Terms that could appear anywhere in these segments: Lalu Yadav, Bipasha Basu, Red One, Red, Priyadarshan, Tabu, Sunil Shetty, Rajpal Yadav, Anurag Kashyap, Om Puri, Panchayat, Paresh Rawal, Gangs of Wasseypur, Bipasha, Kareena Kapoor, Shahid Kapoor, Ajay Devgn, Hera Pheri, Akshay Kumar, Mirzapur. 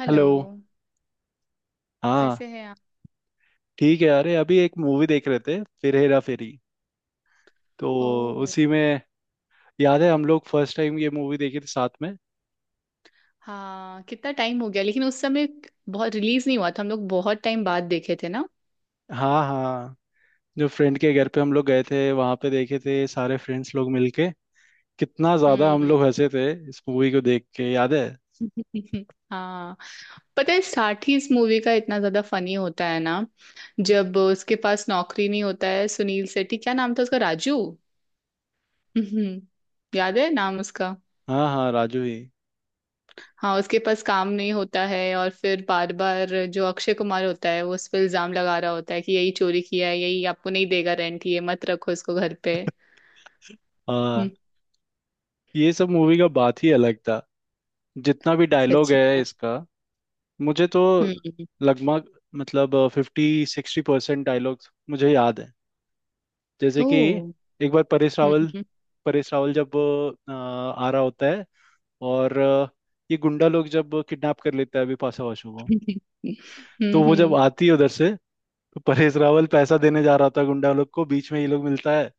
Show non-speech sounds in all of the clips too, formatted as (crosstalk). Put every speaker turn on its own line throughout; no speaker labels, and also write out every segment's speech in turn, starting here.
Hello.
Hello. हाँ।
कैसे हैं आप?
ठीक है, अरे अभी एक मूवी देख रहे थे, फिर हेरा फेरी, तो
ओ
उसी में। याद है हम लोग फर्स्ट टाइम ये मूवी देखे थे साथ में।
हाँ। कितना टाइम हो गया, लेकिन उस समय बहुत रिलीज नहीं हुआ था, हम लोग बहुत टाइम बाद देखे थे ना।
हाँ हाँ, जो फ्रेंड के घर पे हम लोग गए थे वहां पे देखे थे, सारे फ्रेंड्स लोग मिलके। कितना ज्यादा हम
हम्म।
लोग हंसे थे इस मूवी को देख के, याद है।
(laughs) हाँ, पता है साठी, इस मूवी का इतना ज्यादा फनी होता है ना जब उसके पास नौकरी नहीं होता है। सुनील शेट्टी, क्या नाम था उसका, राजू? (laughs) हम्म, याद है नाम उसका।
हाँ हाँ, राजू ही।
हाँ, उसके पास काम नहीं होता है और फिर बार बार जो अक्षय कुमार होता है वो उस पर इल्जाम लगा रहा होता है कि यही चोरी किया है, यही आपको नहीं देगा रेंट, ये मत रखो इसको घर पे।
हाँ,
हम्म,
ये सब मूवी का बात ही अलग था। जितना भी डायलॉग
सच
है
में।
इसका, मुझे तो
हम्म।
लगभग, मतलब 50-60% डायलॉग्स मुझे याद है। जैसे कि
ओ
एक बार परेश रावल,
हम्म।
परेश रावल जब आ रहा होता है, और ये गुंडा लोग जब किडनैप कर लेता है बिपाशा बसु को, तो वो जब
हम्म।
आती है उधर से, तो परेश रावल पैसा देने जा रहा होता है गुंडा लोग को, बीच में ये लोग मिलता है,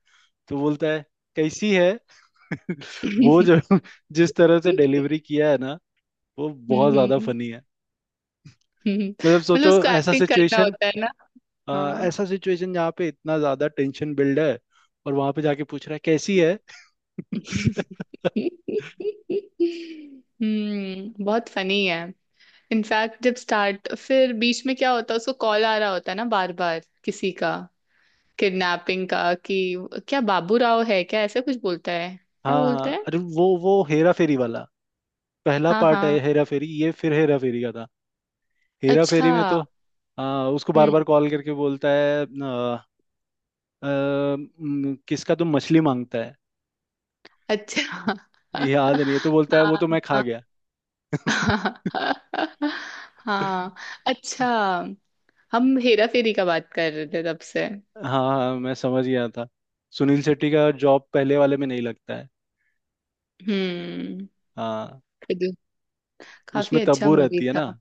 तो बोलता है, कैसी है? (laughs) वो जो, जिस तरह से डिलीवरी किया है ना, वो बहुत ज्यादा
हम्म।
फनी है। मतलब
मतलब
सोचो,
उसको
ऐसा
एक्टिंग करना
सिचुएशन,
होता है ना। हाँ।
ऐसा सिचुएशन जहाँ पे इतना ज्यादा टेंशन बिल्ड है, और वहां पे जाके पूछ रहा है, कैसी है? (laughs)
हम्म, बहुत फनी है। इनफैक्ट जब स्टार्ट, फिर बीच में क्या होता है, उसको कॉल आ रहा होता है ना बार बार किसी का, किडनैपिंग का कि क्या बाबू राव है, क्या ऐसा कुछ बोलता है,
हाँ
क्या
हाँ,
बोलता है?
अरे वो हेरा फेरी वाला पहला
हाँ
पार्ट
हाँ।
है हेरा फेरी, ये फिर हेरा फेरी का था। हेरा
अच्छा।
फेरी में तो उसको बार
हम्म।
बार कॉल करके बोलता है, आ, आ, म, किसका तुम मछली मांगता है,
अच्छा।
ये याद नहीं है? तो बोलता है, वो तो मैं खा
हाँ
गया। (laughs)
हाँ हाँ। अच्छा, हम हेरा फेरी का बात कर रहे थे तब से।
हाँ हाँ, मैं समझ गया था। सुनील शेट्टी का जॉब पहले वाले में नहीं लगता है।
हम्म।
हाँ,
फिर- काफी
उसमें
अच्छा
तब्बू
मूवी
रहती है ना।
था।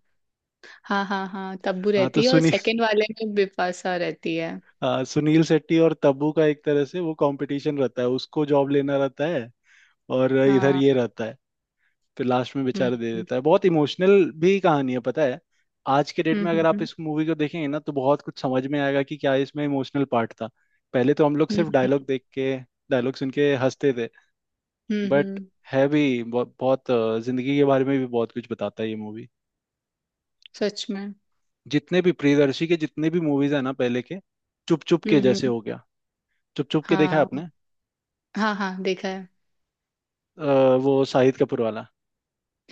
हाँ हाँ हाँ, तब्बू
हाँ तो
रहती है, और
सुनील,
सेकंड वाले में बिपाशा रहती है।
हाँ, सुनील शेट्टी और तब्बू का एक तरह से वो कंपटीशन रहता है, उसको जॉब लेना रहता है और इधर
हाँ।
ये रहता है। फिर लास्ट में
हम्म
बेचारा दे
हम्म
देता है, बहुत इमोशनल भी कहानी है, पता है। आज के डेट
हम्म
में अगर आप
हम्म
इस मूवी को देखेंगे ना, तो बहुत कुछ समझ में आएगा कि क्या इसमें इमोशनल पार्ट था। पहले तो हम लोग सिर्फ
हम्म
डायलॉग देख के, डायलॉग सुन के हंसते थे,
हम्म,
बट
हम्म,
है भी बहुत, बहुत जिंदगी के बारे में भी बहुत कुछ बताता है ये मूवी।
सच में।
जितने भी प्रियदर्शी के जितने भी मूवीज है ना पहले के, चुप चुप के जैसे
हम्म।
हो गया। चुप चुप के देखा है
हाँ
आपने?
हाँ हाँ, देखा है।
वो शाहिद कपूर वाला।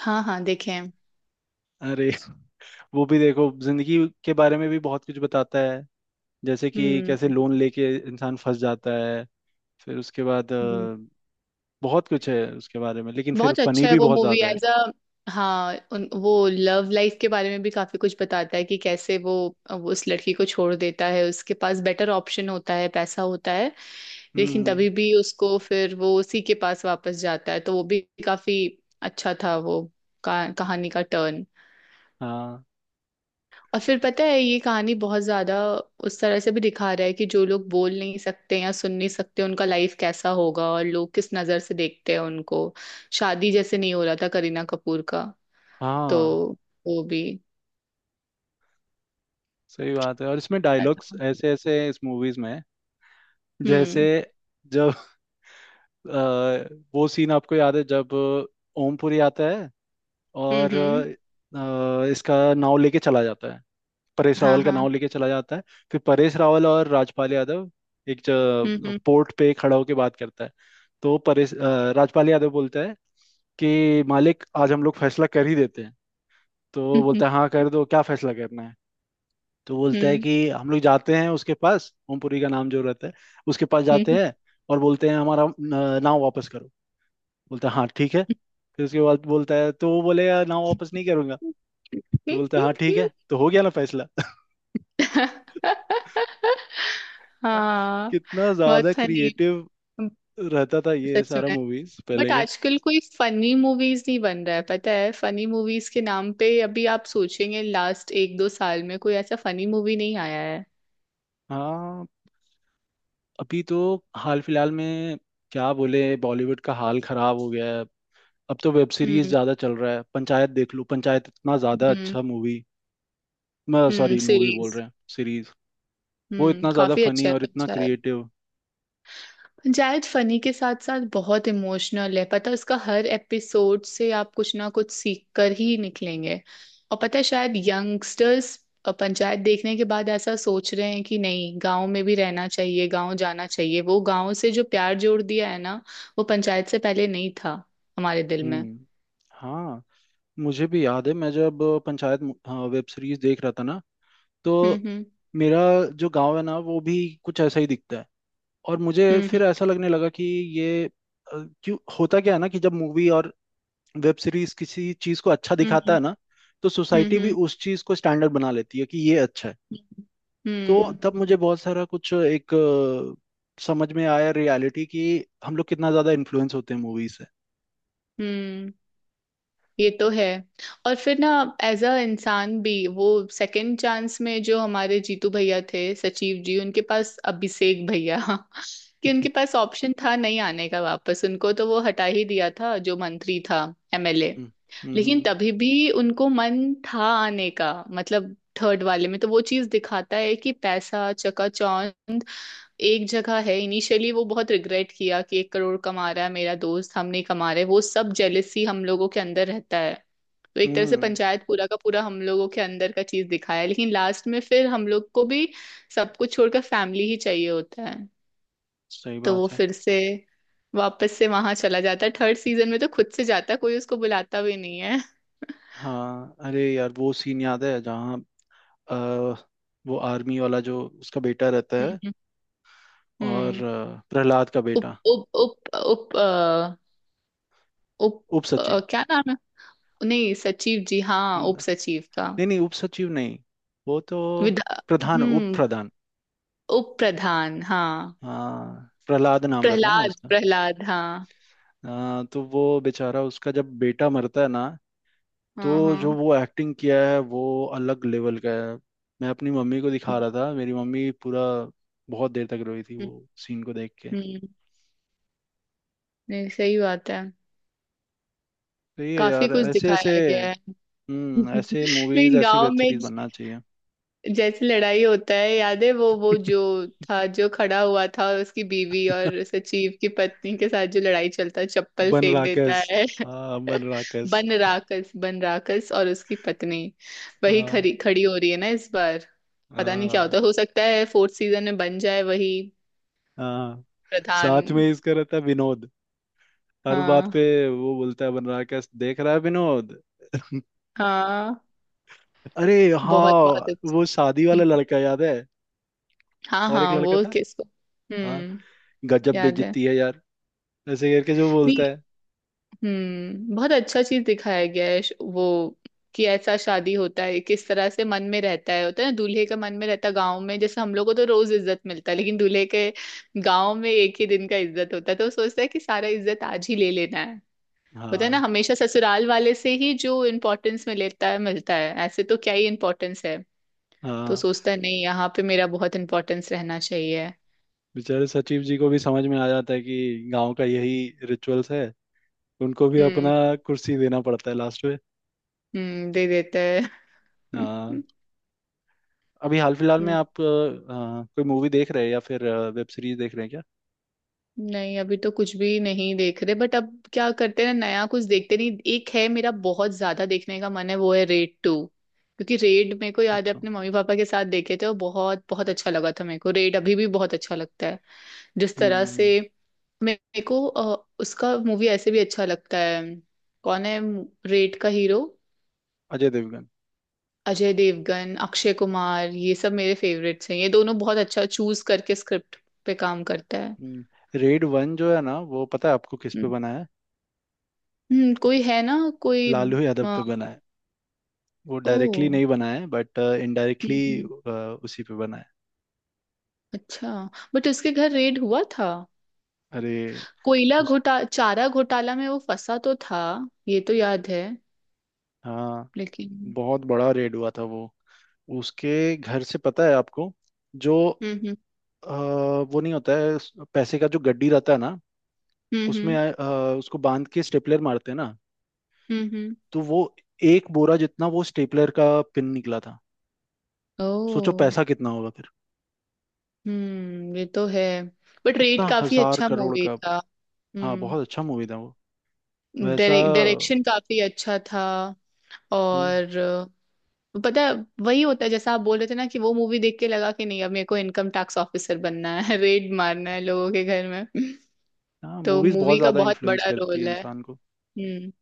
हाँ हाँ, देखे हैं।
अरे (laughs) वो भी देखो, जिंदगी के बारे में भी बहुत कुछ बताता है, जैसे कि कैसे
हम्म
लोन लेके इंसान फंस जाता है, फिर उसके बाद
हम्म,
अ, बहुत कुछ है उसके बारे में, लेकिन फिर
बहुत
फनी
अच्छा है
भी
वो
बहुत
मूवी,
ज्यादा है।
As a. हाँ, वो लव लाइफ के बारे में भी काफी कुछ बताता है कि कैसे वो उस लड़की को छोड़ देता है, उसके पास बेटर ऑप्शन होता है, पैसा होता है, लेकिन
हम्म।
तभी भी उसको फिर वो उसी के पास वापस जाता है। तो वो भी काफी अच्छा था वो कहानी का टर्न।
हाँ
और फिर पता है, ये कहानी बहुत ज्यादा उस तरह से भी दिखा रहा है कि जो लोग बोल नहीं सकते या सुन नहीं सकते उनका लाइफ कैसा होगा, और लोग किस नजर से देखते हैं उनको। शादी जैसे नहीं हो रहा था करीना कपूर का, तो
हाँ,
वो भी
सही बात है, और इसमें डायलॉग्स
था।
ऐसे ऐसे हैं इस मूवीज में। जैसे
हम्म
जब अ, वो सीन आपको याद है, जब ओमपुरी आता है और
हम्म।
इसका नाव लेके चला जाता है, परेश
हाँ
रावल का
हाँ।
नाम लेके चला जाता है। फिर परेश रावल और राजपाल यादव एक
हम्म हम्म
पोर्ट पे खड़ा होके बात करता है, तो राजपाल यादव बोलता है कि मालिक आज हम लोग फैसला कर ही देते हैं, तो
हम्म
बोलता है हाँ कर दो, क्या फैसला करना है? तो बोलता है
हम्म।
कि हम लोग जाते हैं उसके पास, ओमपुरी का नाम जो रहता है, उसके पास जाते
हम्म।
हैं और बोलते हैं हमारा नाव वापस करो। बोलता है हाँ ठीक है। फिर उसके बाद बोलता है, तो वो बोलेगा नाव वापस नहीं करूंगा, तो बोलता है हाँ ठीक
हम्म। (laughs)
है, तो हो गया ना फैसला। (laughs)
हाँ,
कितना
बहुत
ज्यादा
फनी है।
क्रिएटिव रहता था ये
सच
सारा
में,
मूवीज
बट
पहले का।
आजकल कोई फनी मूवीज नहीं बन रहा है, पता है। फनी मूवीज के नाम पे अभी आप सोचेंगे लास्ट एक दो साल में, कोई ऐसा फनी मूवी नहीं आया है।
हाँ, अभी तो हाल फिलहाल में क्या बोले, बॉलीवुड का हाल खराब हो गया है। अब तो वेब सीरीज
हम्म
ज्यादा चल रहा है, पंचायत देख लो, पंचायत इतना ज्यादा
हम्म।
अच्छा मूवी, मैं सॉरी मूवी बोल
सीरीज।
रहे हैं, सीरीज। वो
हम्म,
इतना ज्यादा
काफी
फनी
अच्छा है,
और इतना
अच्छा है।
क्रिएटिव।
जायद फनी के साथ साथ बहुत इमोशनल है, पता है उसका। हर एपिसोड से आप कुछ ना कुछ सीख कर ही निकलेंगे। और पता है, शायद यंगस्टर्स पंचायत देखने के बाद ऐसा सोच रहे हैं कि नहीं, गांव में भी रहना चाहिए, गांव जाना चाहिए। वो गांव से जो प्यार जोड़ दिया है ना, वो पंचायत से पहले नहीं था हमारे दिल में।
हम्म। हाँ, मुझे भी याद है मैं जब पंचायत हाँ, वेब सीरीज देख रहा था ना, तो
हम्म
मेरा जो गांव है ना वो भी कुछ ऐसा ही दिखता है, और मुझे
हम्म हम्म
फिर ऐसा लगने लगा कि ये अ, क्यों होता क्या है ना कि जब मूवी और वेब सीरीज किसी चीज को अच्छा दिखाता
हम्म
है ना, तो
हम्म
सोसाइटी भी
हम्म
उस चीज को स्टैंडर्ड बना लेती है कि ये अच्छा है। तो
हम्म हम्म
तब मुझे बहुत सारा कुछ समझ में आया रियलिटी, कि हम लोग कितना ज्यादा इन्फ्लुएंस होते हैं मूवी से।
हम्म। ये तो है। और फिर ना, एज अ इंसान भी वो सेकंड चांस में, जो हमारे जीतू भैया थे सचिव जी, उनके पास अभिषेक भैया (laughs) कि उनके
(laughs)
पास ऑप्शन था नहीं आने का वापस। उनको तो वो हटा ही दिया था जो मंत्री था, एमएलए।
हम्म।
लेकिन
हम्म
तभी भी उनको मन था आने का। मतलब थर्ड वाले में तो वो चीज दिखाता है कि पैसा, चकाचौंध एक जगह है। इनिशियली वो बहुत रिग्रेट किया कि 1 करोड़ कमा रहा है मेरा दोस्त, हम नहीं कमा रहे, वो सब जेलेसी हम लोगों के अंदर रहता है। तो एक तरह से
हम्म,
पंचायत पूरा का पूरा हम लोगों के अंदर का चीज दिखाया है, लेकिन लास्ट में फिर हम लोग को भी सब कुछ छोड़कर फैमिली ही चाहिए होता है।
सही
तो वो
बात है।
फिर से वापस से वहां चला जाता है। थर्ड सीजन में तो खुद से जाता है, कोई उसको बुलाता भी नहीं है।
हाँ अरे यार वो सीन याद है जहाँ अ, वो आर्मी वाला जो उसका बेटा रहता है
हम्म
और
हम्म।
प्रहलाद का
उप
बेटा,
उप उप उप अ, उप
उप सचिव,
क्या नाम है? नहीं सचिव जी, हाँ उप
न-
सचिव का।
नहीं नहीं उपसचिव नहीं, वो तो
विधा,
प्रधान, उप
हम्म।
प्रधान।
उप प्रधान, हाँ।
हाँ प्रहलाद नाम रहता है ना
प्रहलाद
उसका,
प्रहलाद, हाँ।
हाँ, तो वो बेचारा उसका जब बेटा मरता है ना,
हाँ
तो जो
हाँ।
वो एक्टिंग किया है वो अलग लेवल का है। मैं अपनी मम्मी को दिखा
हम्म
रहा था, मेरी मम्मी पूरा बहुत देर तक रोई थी
हम्म,
वो सीन को देख के।
हम्म, नहीं सही बात है।
तो ये
काफी
यार
कुछ
ऐसे ऐसे,
दिखाया गया है (laughs)
हम्म, ऐसे मूवीज
लेकिन
ऐसे
गांव
वेब
में
सीरीज बनना चाहिए।
जैसे लड़ाई होता है याद है, वो जो
(laughs)
था, जो खड़ा हुआ था, और उसकी बीवी और सचिव की पत्नी के साथ जो लड़ाई चलता है, चप्पल
बन
फेंक देता
राकेश,
है
हाँ
(laughs)
बन राकेश।
बन राकस, बन राकस और उसकी पत्नी वही
हाँ
खड़ी खड़ी हो रही है ना इस बार। पता नहीं क्या होता
हाँ
है। हो सकता है फोर्थ सीजन में बन जाए वही
हाँ। साथ में
प्रधान।
इसका रहता है विनोद, हर बात
हाँ
पे वो बोलता है बन रहा क्या देख रहा है विनोद। (laughs)
हाँ,
अरे
बहुत बहुत
हाँ,
अच्छा।
वो शादी वाला
हम्म,
लड़का याद है,
हाँ
और एक
हाँ।
लड़का
वो
था।
किसको?
हाँ,
हम्म,
गजब
याद है?
बेइज्जती है यार, ऐसे करके जो बोलता
नहीं।
है।
हम्म, बहुत अच्छा चीज दिखाया गया है वो, कि ऐसा शादी होता है किस तरह से मन में रहता है, होता है ना दूल्हे का मन में रहता है। गाँव में जैसे हम लोग को तो रोज इज्जत मिलता है, लेकिन दूल्हे के गाँव में एक ही दिन का इज्जत होता है, तो वो सोचता है कि सारा इज्जत आज ही ले लेना है। होता है ना,
हाँ
हमेशा ससुराल वाले से ही जो इम्पोर्टेंस में लेता है, मिलता है। ऐसे तो क्या ही इम्पोर्टेंस है, तो
हाँ,
सोचता है नहीं, यहाँ पे मेरा बहुत इम्पोर्टेंस रहना चाहिए।
बेचारे सचिव जी को भी समझ में आ जाता है कि गांव का यही रिचुअल्स है, उनको भी
हम्म
अपना कुर्सी देना पड़ता है लास्ट में।
हम्म, दे देता है
हाँ।
(laughs)
अभी हाल फिलहाल में
हम्म
आप कोई मूवी देख रहे हैं या फिर वेब सीरीज देख रहे हैं क्या?
नहीं, अभी तो कुछ भी नहीं देख रहे, बट अब क्या करते हैं ना, नया कुछ देखते नहीं। एक है मेरा बहुत ज्यादा देखने का मन है, वो है रेड टू, क्योंकि रेड मेरे को याद है
अच्छा।
अपने मम्मी पापा के साथ देखे थे और बहुत बहुत अच्छा लगा था मेरे को। रेड अभी भी बहुत अच्छा लगता है जिस
हम्म।
तरह से। मेरे को उसका मूवी ऐसे भी अच्छा लगता है। कौन है रेड का हीरो?
अजय देवगन।
अजय देवगन, अक्षय कुमार, ये सब मेरे फेवरेट्स हैं। ये दोनों बहुत अच्छा चूज करके स्क्रिप्ट पे काम करता
हम्म, रेड वन जो है ना, वो पता है आपको किस
है।
पे बना है?
हम्म, कोई है ना, कोई।
लालू यादव
आ,
पे बना है। वो
ओ,
डायरेक्टली नहीं बना है बट इनडायरेक्टली
हम्म, हम्म,
उसी पे बना है।
अच्छा। बट उसके घर रेड हुआ था,
अरे
कोयला
उस,
घोटा चारा घोटाला में वो फंसा तो था, ये तो याद है,
हाँ
लेकिन।
बहुत बड़ा रेड हुआ था वो, उसके घर से पता है आपको, जो
हम्म हम्म
अ, वो नहीं होता है उस पैसे का, जो गड्डी रहता है ना,
हम्म
उसमें
हम्म
अ, उसको बांध के स्टेपलर मारते हैं ना,
हम्म हम्म,
तो वो एक बोरा जितना वो स्टेपलर का पिन निकला था। सोचो
ओ,
पैसा कितना होगा फिर,
हम्म, ये तो है। बट
कितना
रेड काफी
हजार
अच्छा
करोड़
मूवी
का।
था।
हाँ
हम्म,
बहुत अच्छा मूवी था, वैसा।
डायरेक्शन काफी अच्छा था।
हम्म,
और पता है, वही होता है जैसा आप बोल रहे थे ना, कि वो मूवी देख के लगा कि नहीं, अब मेरे को इनकम टैक्स ऑफिसर बनना है (laughs) रेड मारना है लोगों के घर में
हाँ,
(laughs) तो
मूवीज बहुत
मूवी का
ज्यादा
बहुत
इन्फ्लुएंस
बड़ा
करती है
रोल है।
इंसान को।
हम्म,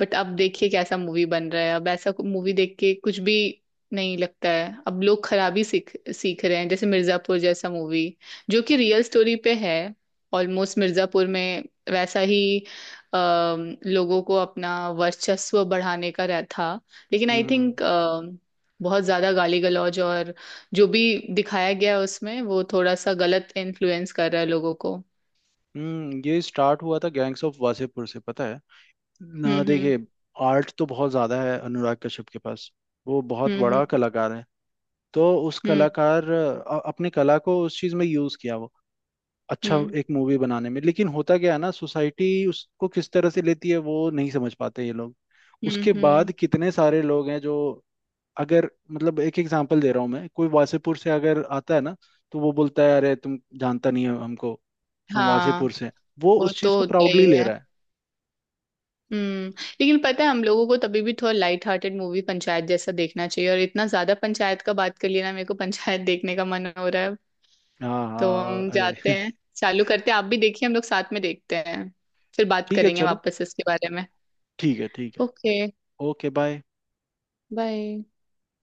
बट अब देखिए कैसा मूवी बन रहा है, अब ऐसा मूवी देख के कुछ भी नहीं लगता है। अब लोग खराबी सीख सीख रहे हैं, जैसे मिर्जापुर जैसा मूवी, जो कि रियल स्टोरी पे है। ऑलमोस्ट मिर्जापुर में वैसा ही लोगों को अपना वर्चस्व बढ़ाने का रह था। लेकिन आई
हम्म
थिंक बहुत ज्यादा गाली गलौज और जो भी दिखाया गया है उसमें, वो थोड़ा सा गलत इन्फ्लुएंस कर रहा है लोगों को।
हम्म, ये स्टार्ट हुआ था गैंग्स ऑफ वासेपुर से, पता है ना,
हम्म
देखिए आर्ट तो बहुत ज्यादा है अनुराग कश्यप के पास, वो बहुत
हम्म
बड़ा
हम्म
कलाकार है, तो उस
हम्म
कलाकार अपने कला को उस चीज में यूज किया वो, अच्छा
हम्म
एक मूवी बनाने में, लेकिन होता क्या है ना, सोसाइटी उसको किस तरह से लेती है वो नहीं समझ पाते ये लोग।
हम्म हम्म
उसके
हम्म,
बाद कितने सारे लोग हैं जो, अगर मतलब एक एग्जांपल दे रहा हूँ मैं, कोई वासेपुर से अगर आता है ना, तो वो बोलता है अरे तुम जानता नहीं हो हमको, हम
हाँ,
वासेपुर से हैं।" वो
वो
उस चीज
तो
को
होता
प्राउडली
ही
ले
है।
रहा है।
हम्म, लेकिन पता है, हम लोगों को तभी भी थोड़ा लाइट हार्टेड मूवी पंचायत जैसा देखना चाहिए। और इतना ज्यादा पंचायत का बात कर लिया ना, मेरे को पंचायत देखने का मन हो रहा है।
हाँ
तो
हाँ
हम
अरे
जाते
(laughs)
हैं, चालू करते हैं, आप भी देखिए, हम लोग साथ में देखते हैं। फिर बात
ठीक है
करेंगे
चलो,
वापस इसके बारे में।
ठीक है ठीक है।
Okay,
okay bye.
बाय।